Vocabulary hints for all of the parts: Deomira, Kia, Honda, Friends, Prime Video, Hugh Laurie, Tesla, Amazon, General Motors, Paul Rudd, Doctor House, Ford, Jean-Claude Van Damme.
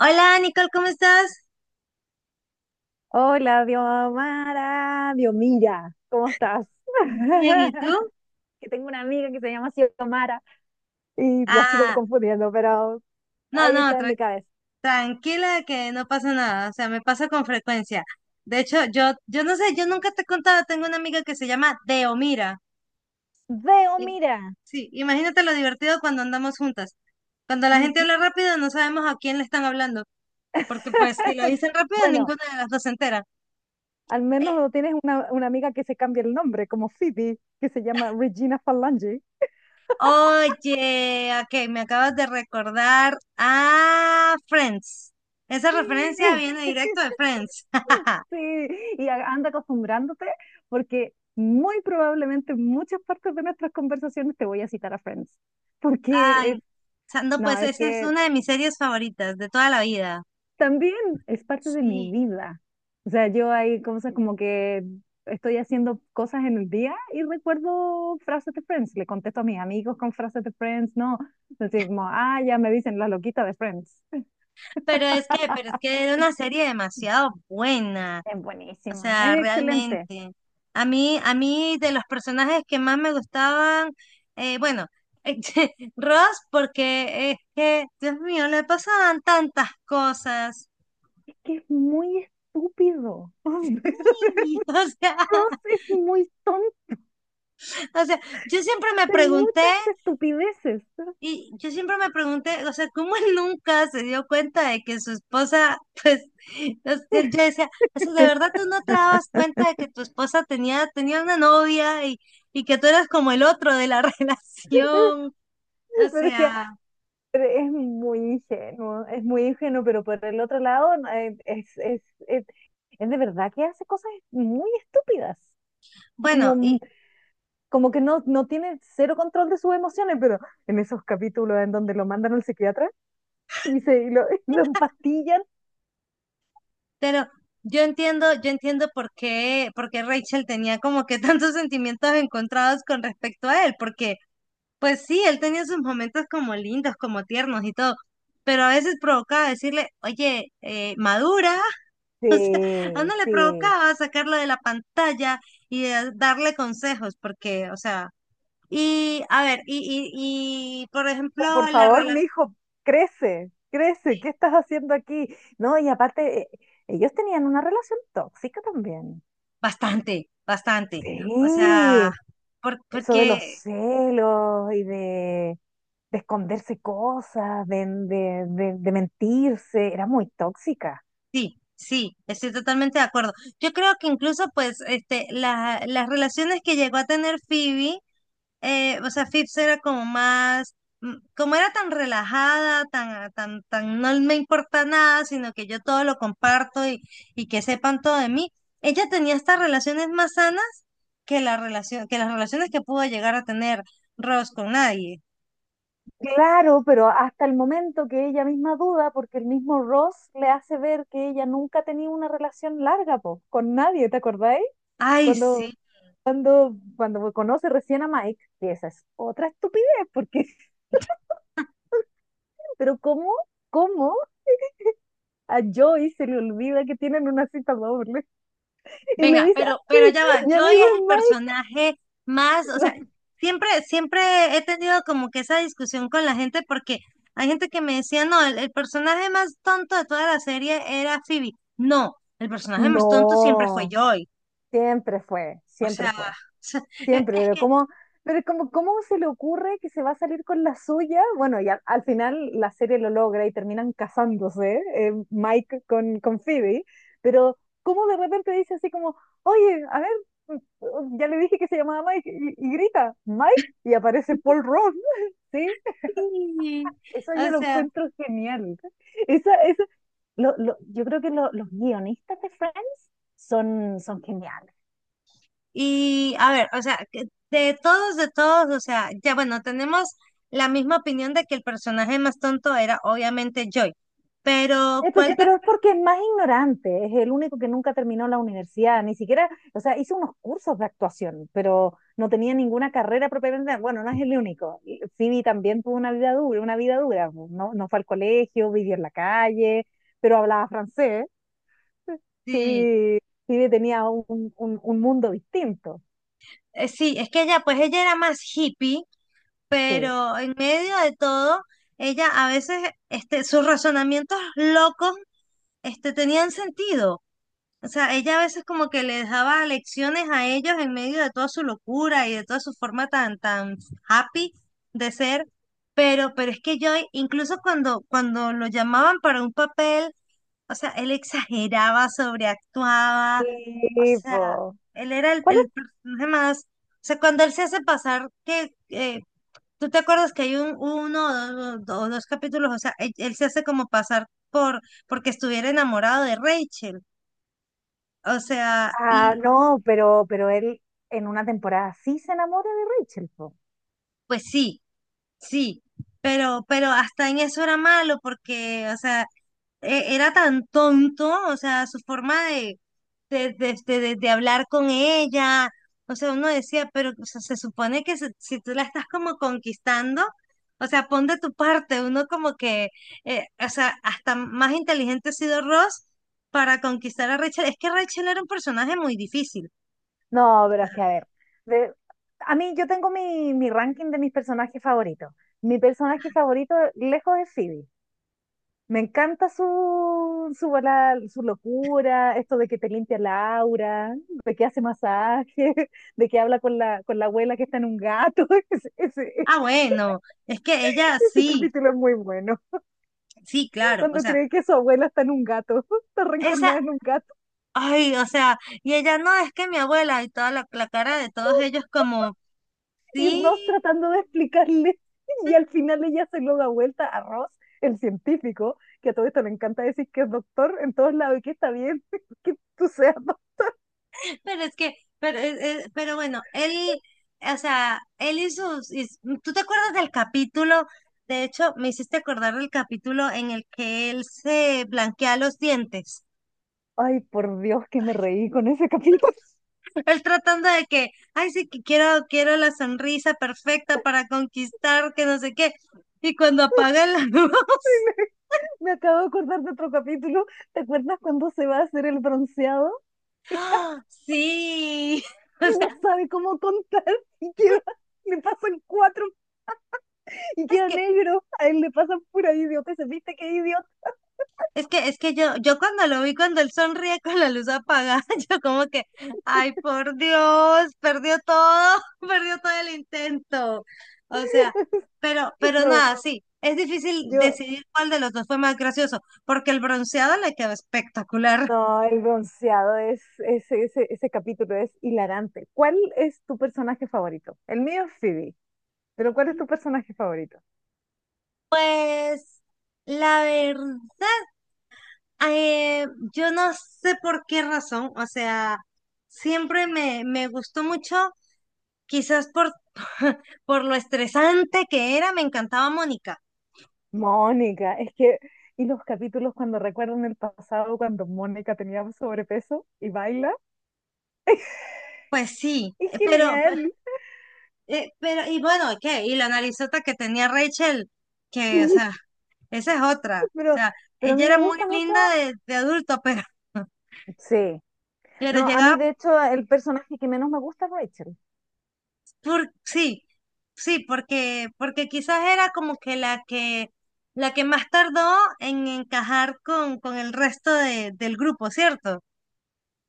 Hola Nicole, ¿cómo estás? Hola, Diomara, Diomira, ¿cómo estás? Bien, ¿y tú? Que tengo una amiga que se llama así Diomara y la sigo Ah, confundiendo, pero no, ahí no, está en mi cabeza. tranquila que no pasa nada, o sea, me pasa con frecuencia. De hecho, yo no sé, yo nunca te he contado, tengo una amiga que se llama Deomira. Y- Deomira. Sí, imagínate lo divertido cuando andamos juntas. Cuando la Mm, gente habla rápido, no sabemos a quién le están hablando, porque pues si lo dicen rápido, Bueno, ninguna de las dos se entera. al menos Eh, no tienes una amiga que se cambie el nombre, como Phoebe, que se llama Regina Falange. Oye, ah, ok, me acabas de recordar a Friends. Esa referencia Sí. viene directo de Friends. Sí, y anda acostumbrándote porque muy probablemente en muchas partes de nuestras conversaciones te voy a citar a Friends. Porque Ay, es, o sea, no, no, pues es esa es que una de mis series favoritas de toda la vida. también es parte de mi Sí, vida. O sea, yo hay cosas como que estoy haciendo cosas en el día y recuerdo frases de Friends. Le contesto a mis amigos con frases de Friends, ¿no? Entonces, ya me dicen la loquita de Friends. pero es que era una serie demasiado buena, Es o buenísima, sea, es excelente. realmente. A mí de los personajes que más me gustaban, bueno, Ross, porque es que, Dios mío, le pasaban tantas cosas. Es que es muy estúpido. Sí, o sea, Ross es muy tonta, o sea, yo siempre me hace pregunté. muchas estupideces. Y yo siempre me pregunté, o sea, ¿cómo él nunca se dio cuenta de que su esposa, pues, yo decía, o sea, ¿de verdad tú no te dabas cuenta de que tu esposa tenía una novia y que tú eras como el otro de la relación? O Pero es que sea, Pero es muy ingenuo, pero por el otro lado no, es, es de verdad que hace cosas muy estúpidas. Es bueno, como, y, como que no, no tiene cero control de sus emociones, pero en esos capítulos en donde lo mandan al psiquiatra y lo y lo empastillan, pero yo entiendo por qué Rachel tenía como que tantos sentimientos encontrados con respecto a él, porque pues sí, él tenía sus momentos como lindos, como tiernos y todo, pero a veces provocaba decirle, oye, madura, a sí, uno le sí. provocaba sacarlo de la pantalla y darle consejos, porque, o sea, y a ver, y por Oh, ejemplo, por la favor, mi relación, hijo, crece, crece, ¿qué estás haciendo aquí? No, y aparte, ellos tenían una relación tóxica también. bastante, bastante, o sea, Sí. Eso de los porque celos, de esconderse cosas, de de mentirse, era muy tóxica. sí. Sí, estoy totalmente de acuerdo. Yo creo que incluso, pues, este, las relaciones que llegó a tener Phoebe, o sea, Phipps era como más, como era tan relajada, tan, no me importa nada, sino que yo todo lo comparto y que sepan todo de mí. Ella tenía estas relaciones más sanas que la relación, que las relaciones que pudo llegar a tener Ross con nadie. Claro, pero hasta el momento que ella misma duda, porque el mismo Ross le hace ver que ella nunca ha tenido una relación larga, po, con nadie, ¿te acordáis? Ay, sí, Cuando, Cuando conoce recién a Mike, que esa es otra estupidez, porque, pero ¿cómo a Joey se le olvida que tienen una cita doble? Y le venga, dice, ah, pero, sí, pero ya va, mi Joy amigo es el es personaje más, o sea, Mike. siempre, siempre he tenido como que esa discusión con la gente porque hay gente que me decía, no, el personaje más tonto de toda la serie era Phoebe. No, el personaje más tonto siempre fue No, Joy. siempre fue, O siempre sea, o fue, sea, es es pero que ¿cómo se le ocurre que se va a salir con la suya? Bueno, y al final la serie lo logra y terminan casándose, Mike con Phoebe, pero ¿cómo de repente dice así como, oye, a ver, mm, ya le dije que se llamaba Mike y grita, Mike, y aparece Paul Rudd, ¿sí? sí, Eso yo o lo sea, encuentro genial. Esa, esa, yo creo que los guionistas de Friends son, son geniales. y a ver, o sea, que de todos, o sea, ya bueno, tenemos la misma opinión de que el personaje más tonto era obviamente Joy. Pero, Entonces, ¿cuál te... pero es porque es más ignorante, es el único que nunca terminó la universidad, ni siquiera, o sea, hizo unos cursos de actuación, pero no tenía ninguna carrera propiamente, bueno, no es el único. Y Phoebe también tuvo una vida dura, no, no fue al colegio, vivió en la calle, pero hablaba francés, Phoebe, Phoebe tenía un mundo distinto, sí, es que ella, pues ella era más hippie, sí. pero en medio de todo, ella a veces, este, sus razonamientos locos, este, tenían sentido. O sea, ella a veces como que les daba lecciones a ellos en medio de toda su locura y de toda su forma tan, tan happy de ser. Pero es que yo, incluso cuando, cuando lo llamaban para un papel, o sea, él exageraba, sobreactuaba, o Sí, sea, po. él era el, ¿Cuál es? el personaje más. O sea, cuando él se hace pasar, que tú te acuerdas que hay un uno o dos, o dos capítulos, o sea, él se hace como pasar por porque estuviera enamorado de Rachel. O sea, Ah, y no, pero él en una temporada sí se enamora de Rachel, po. pues sí, sí. Pero hasta en eso era malo, porque, o sea, era tan tonto, o sea, su forma de, de hablar con ella, o sea, uno decía, pero o sea, se supone que si, tú la estás como conquistando, o sea, pon de tu parte, uno como que, o sea, hasta más inteligente ha sido Ross para conquistar a Rachel, es que Rachel era un personaje muy difícil. No, pero es que a ver, de- a mí yo tengo mi ranking de mis personajes favoritos. Mi personaje favorito lejos es Phoebe. Me encanta su locura, esto de que te limpia la aura, de que hace masaje, de que habla con la abuela que está en un gato. Ese, ese- Ah, bueno, es que ella Ese sí, capítulo es muy bueno. sí, claro, o Cuando sea, cree que su abuela está en un gato, está esa, reencarnada en un gato. ay, o sea, y ella no, es que mi abuela y toda la, la cara de todos ellos como Y Ross sí, tratando de explicarle y al final ella se lo da vuelta a Ross, el científico, que a todo esto le encanta decir que es doctor en todos lados y que está bien, que tú seas doctor. pero es que, pero, pero bueno, él, o sea, él y sus, ¿tú te acuerdas del capítulo? De hecho, me hiciste acordar del capítulo en el que él se blanquea los dientes. Ay, por Dios, que me reí con ese capítulo. Él tratando de que, ay, sí, que quiero, quiero la sonrisa perfecta para conquistar, que no sé qué. Y cuando apaga la luz, Me acabo de acordar de otro capítulo. ¿Te acuerdas cuando se va a hacer el bronceado ¡ah! Sí. y O sea, no sabe cómo contar y queda, le pasan cuatro y es queda que negro? A él le pasan pura idiota. ¿Se viste qué idiota? es que, es que yo cuando lo vi, cuando él sonríe con la luz apagada, yo como que, ay, por Dios, perdió todo, perdió todo el intento. O sea, pero No, nada, sí, es difícil yo decidir cuál de los dos fue más gracioso, porque el bronceado le quedó espectacular. No, el bronceado es ese capítulo es hilarante. ¿Cuál es tu personaje favorito? El mío es Phoebe, pero ¿cuál es tu personaje favorito? Pues, la verdad, yo no sé por qué razón, o sea, siempre me gustó mucho. Quizás por, por lo estresante que era, me encantaba Mónica. Mónica, es que, y los capítulos cuando recuerdan el pasado, cuando Mónica tenía sobrepeso y baila, Pues sí, es pero, genial. Pero, y bueno, ¿qué? Y la narizota que tenía Rachel, que, o Sí. sea, esa es otra. O Pero, sea, pero a mí ella me era muy gusta mucho. linda de adulto, pero, Sí, pero no, a llegaba mí de hecho el personaje que menos me gusta es Rachel. por, sí, sí, porque, porque quizás era como que la que, la que más tardó en encajar con el resto del grupo, ¿cierto?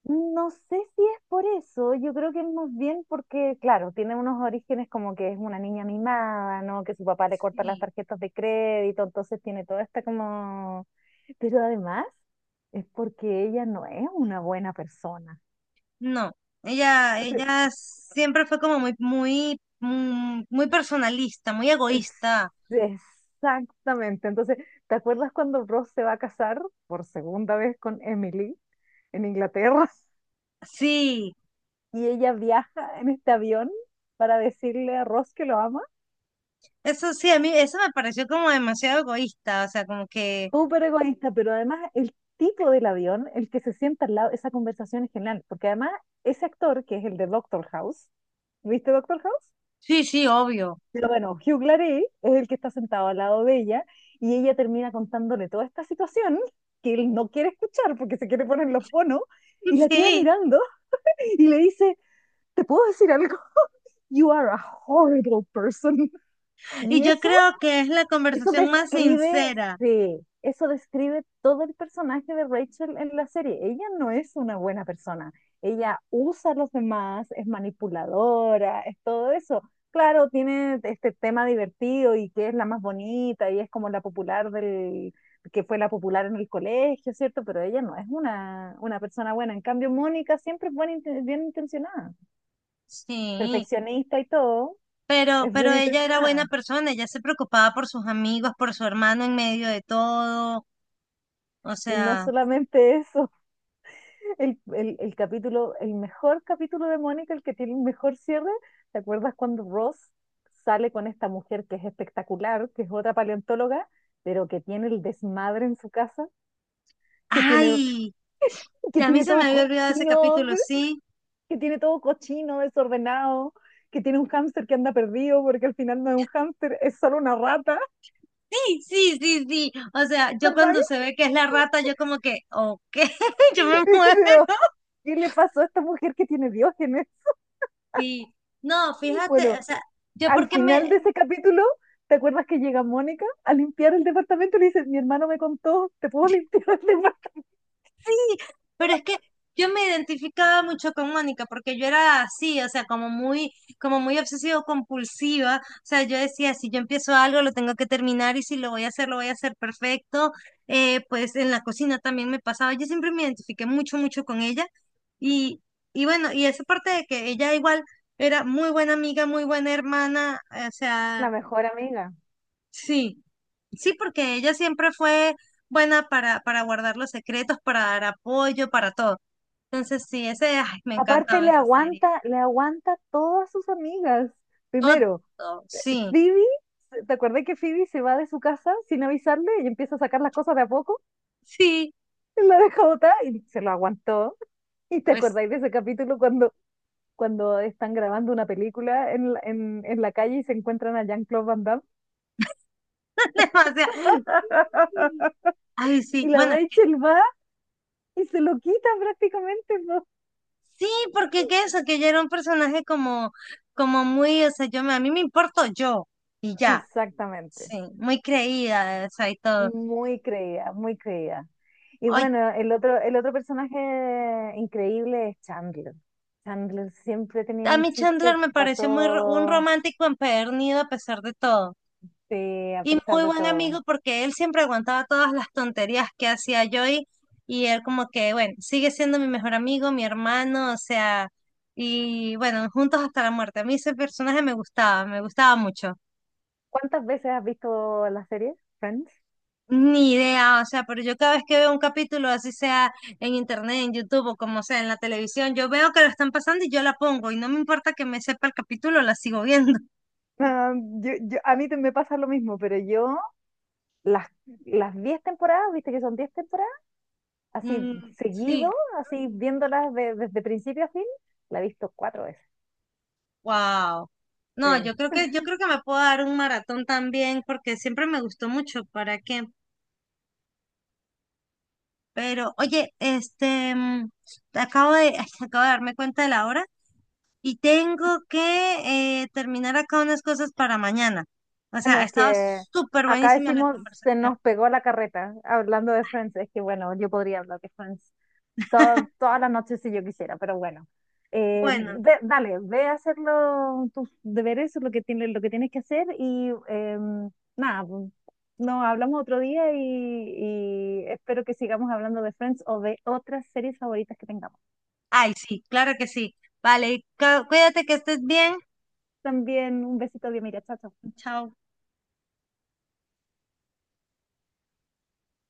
No sé si es por eso, yo creo que es más bien porque, claro, tiene unos orígenes como que es una niña mimada, ¿no? Que su papá le corta las Sí. tarjetas de crédito, entonces tiene toda esta como... Pero además es porque ella no es una buena persona. No, ella, Entonces, ella siempre fue como muy, muy, muy personalista, muy es- egoísta. exactamente. Entonces, ¿te acuerdas cuando Ross se va a casar por segunda vez con Emily en Inglaterra? Sí, Y ella viaja en este avión para decirle a Ross que lo ama. eso sí, a mí eso me pareció como demasiado egoísta, o sea, como que, Súper egoísta, pero además el tipo del avión, el que se sienta al lado, esa conversación es genial, porque además ese actor, que es el de Doctor House, ¿viste Doctor House? sí, sí, obvio. Pero bueno, Hugh Laurie es el que está sentado al lado de ella y ella termina contándole toda esta situación que él no quiere escuchar porque se quiere poner los fonos y la queda Sí, mirando y le dice, ¿te puedo decir algo? You are a horrible person. y Y yo eso creo que es la Eso conversación más describe, sincera. sí, eso describe todo el personaje de Rachel en la serie. Ella no es una buena persona. Ella usa a los demás, es manipuladora, es todo eso. Claro, tiene este tema divertido y que es la más bonita y es como que fue la popular en el colegio, ¿cierto? Pero ella no es una persona buena. En cambio, Mónica siempre es buena, bien intencionada, Sí, perfeccionista y todo, es pero bien ella era buena intencionada. persona, ella se preocupaba por sus amigos, por su hermano en medio de todo, o Y no sea, solamente eso. El capítulo, el mejor capítulo de Mónica, el que tiene el mejor cierre. ¿Te acuerdas cuando Ross sale con esta mujer que es espectacular, que es otra paleontóloga, pero que tiene el desmadre en su casa, que tiene, ay, que que a mí tiene se me todo había olvidado ese cochino, capítulo, sí. que tiene todo cochino, desordenado, que tiene un hámster que anda perdido porque al final no es un hámster, es solo una rata, Sí, sí, sí, sí. O sea, yo ¿verdad? cuando se ve que es la rata, yo como que, ok, yo me muero. Pero, ¿qué le pasó a esta mujer que tiene diógenes? Sí. No, fíjate, Bueno, o sea, yo al porque final me, de ese capítulo, ¿te acuerdas que llega Mónica a limpiar el departamento y le dice, mi hermano me contó, ¿te puedo limpiar el departamento? pero es que yo me identificaba mucho con Mónica porque yo era así, o sea, como muy obsesivo compulsiva. O sea, yo decía, si yo empiezo algo, lo tengo que terminar y si lo voy a hacer, lo voy a hacer perfecto. Pues en la cocina también me pasaba. Yo siempre me identifiqué mucho, mucho con ella. Y, y bueno, y esa parte de que ella igual era muy buena amiga, muy buena hermana, o sea, La mejor amiga. sí, sí, porque ella siempre fue buena para guardar los secretos, para dar apoyo, para todo. Entonces sí, ese, ay, me Aparte encantaba esa serie. Le aguanta todas sus amigas. Primero, Otto, sí, Phoebe, ¿te acuerdas que Phoebe se va de su casa sin avisarle y empieza a sacar las cosas de a poco? sí, Él la deja botar y se lo aguantó. ¿Y te pues acordáis de ese capítulo cuando, cuando están grabando una película en la calle y se encuentran a Jean-Claude Van Damme? demasiado. Ay, sí, Y la bueno, Rachel va y se lo quitan prácticamente, po. sí, porque que eso, que yo era un personaje como, como muy, o sea, yo me, a mí me importo yo y ya, Exactamente. sí, muy creída, o sea, y todo. Muy creída, muy creída. Y Ay, bueno, el otro personaje increíble es Chandler. Chandler siempre tenía a un mí Chandler chiste me para pareció un todo, romántico empedernido a pesar de todo. sí, a Y pesar muy de buen todo. amigo porque él siempre aguantaba todas las tonterías que hacía yo y él como que, bueno, sigue siendo mi mejor amigo, mi hermano, o sea, y bueno, juntos hasta la muerte. A mí ese personaje me gustaba mucho. ¿Cuántas veces has visto la serie Friends? Ni idea, o sea, pero yo cada vez que veo un capítulo, así sea en internet, en YouTube o como sea en la televisión, yo veo que lo están pasando y yo la pongo y no me importa que me sepa el capítulo, la sigo viendo. Ah, me pasa lo mismo, pero yo, Las, las 10 temporadas, viste que son 10 temporadas, así Mm, seguido, sí. así viéndolas desde principio a fin, la he visto 4 veces. Wow. No, Sí. Yo creo que me puedo dar un maratón también, porque siempre me gustó mucho, ¿para qué? Pero, oye, este, acabo de, acabo de darme cuenta de la hora y tengo que terminar acá unas cosas para mañana. O Bueno, sea, ha es estado que súper acá buenísima la decimos se conversación. nos pegó la carreta hablando de Friends. Es que bueno, yo podría hablar de Friends toda la noche si yo quisiera, pero bueno. Bueno, Dale, ve a hacer tus deberes, lo que tienes que hacer y nada, pues, nos hablamos otro día y espero que sigamos hablando de Friends o de otras series favoritas que tengamos. ay, sí, claro que sí. Vale, cuídate que estés bien. También un besito de Mira, chao, chao. Chao.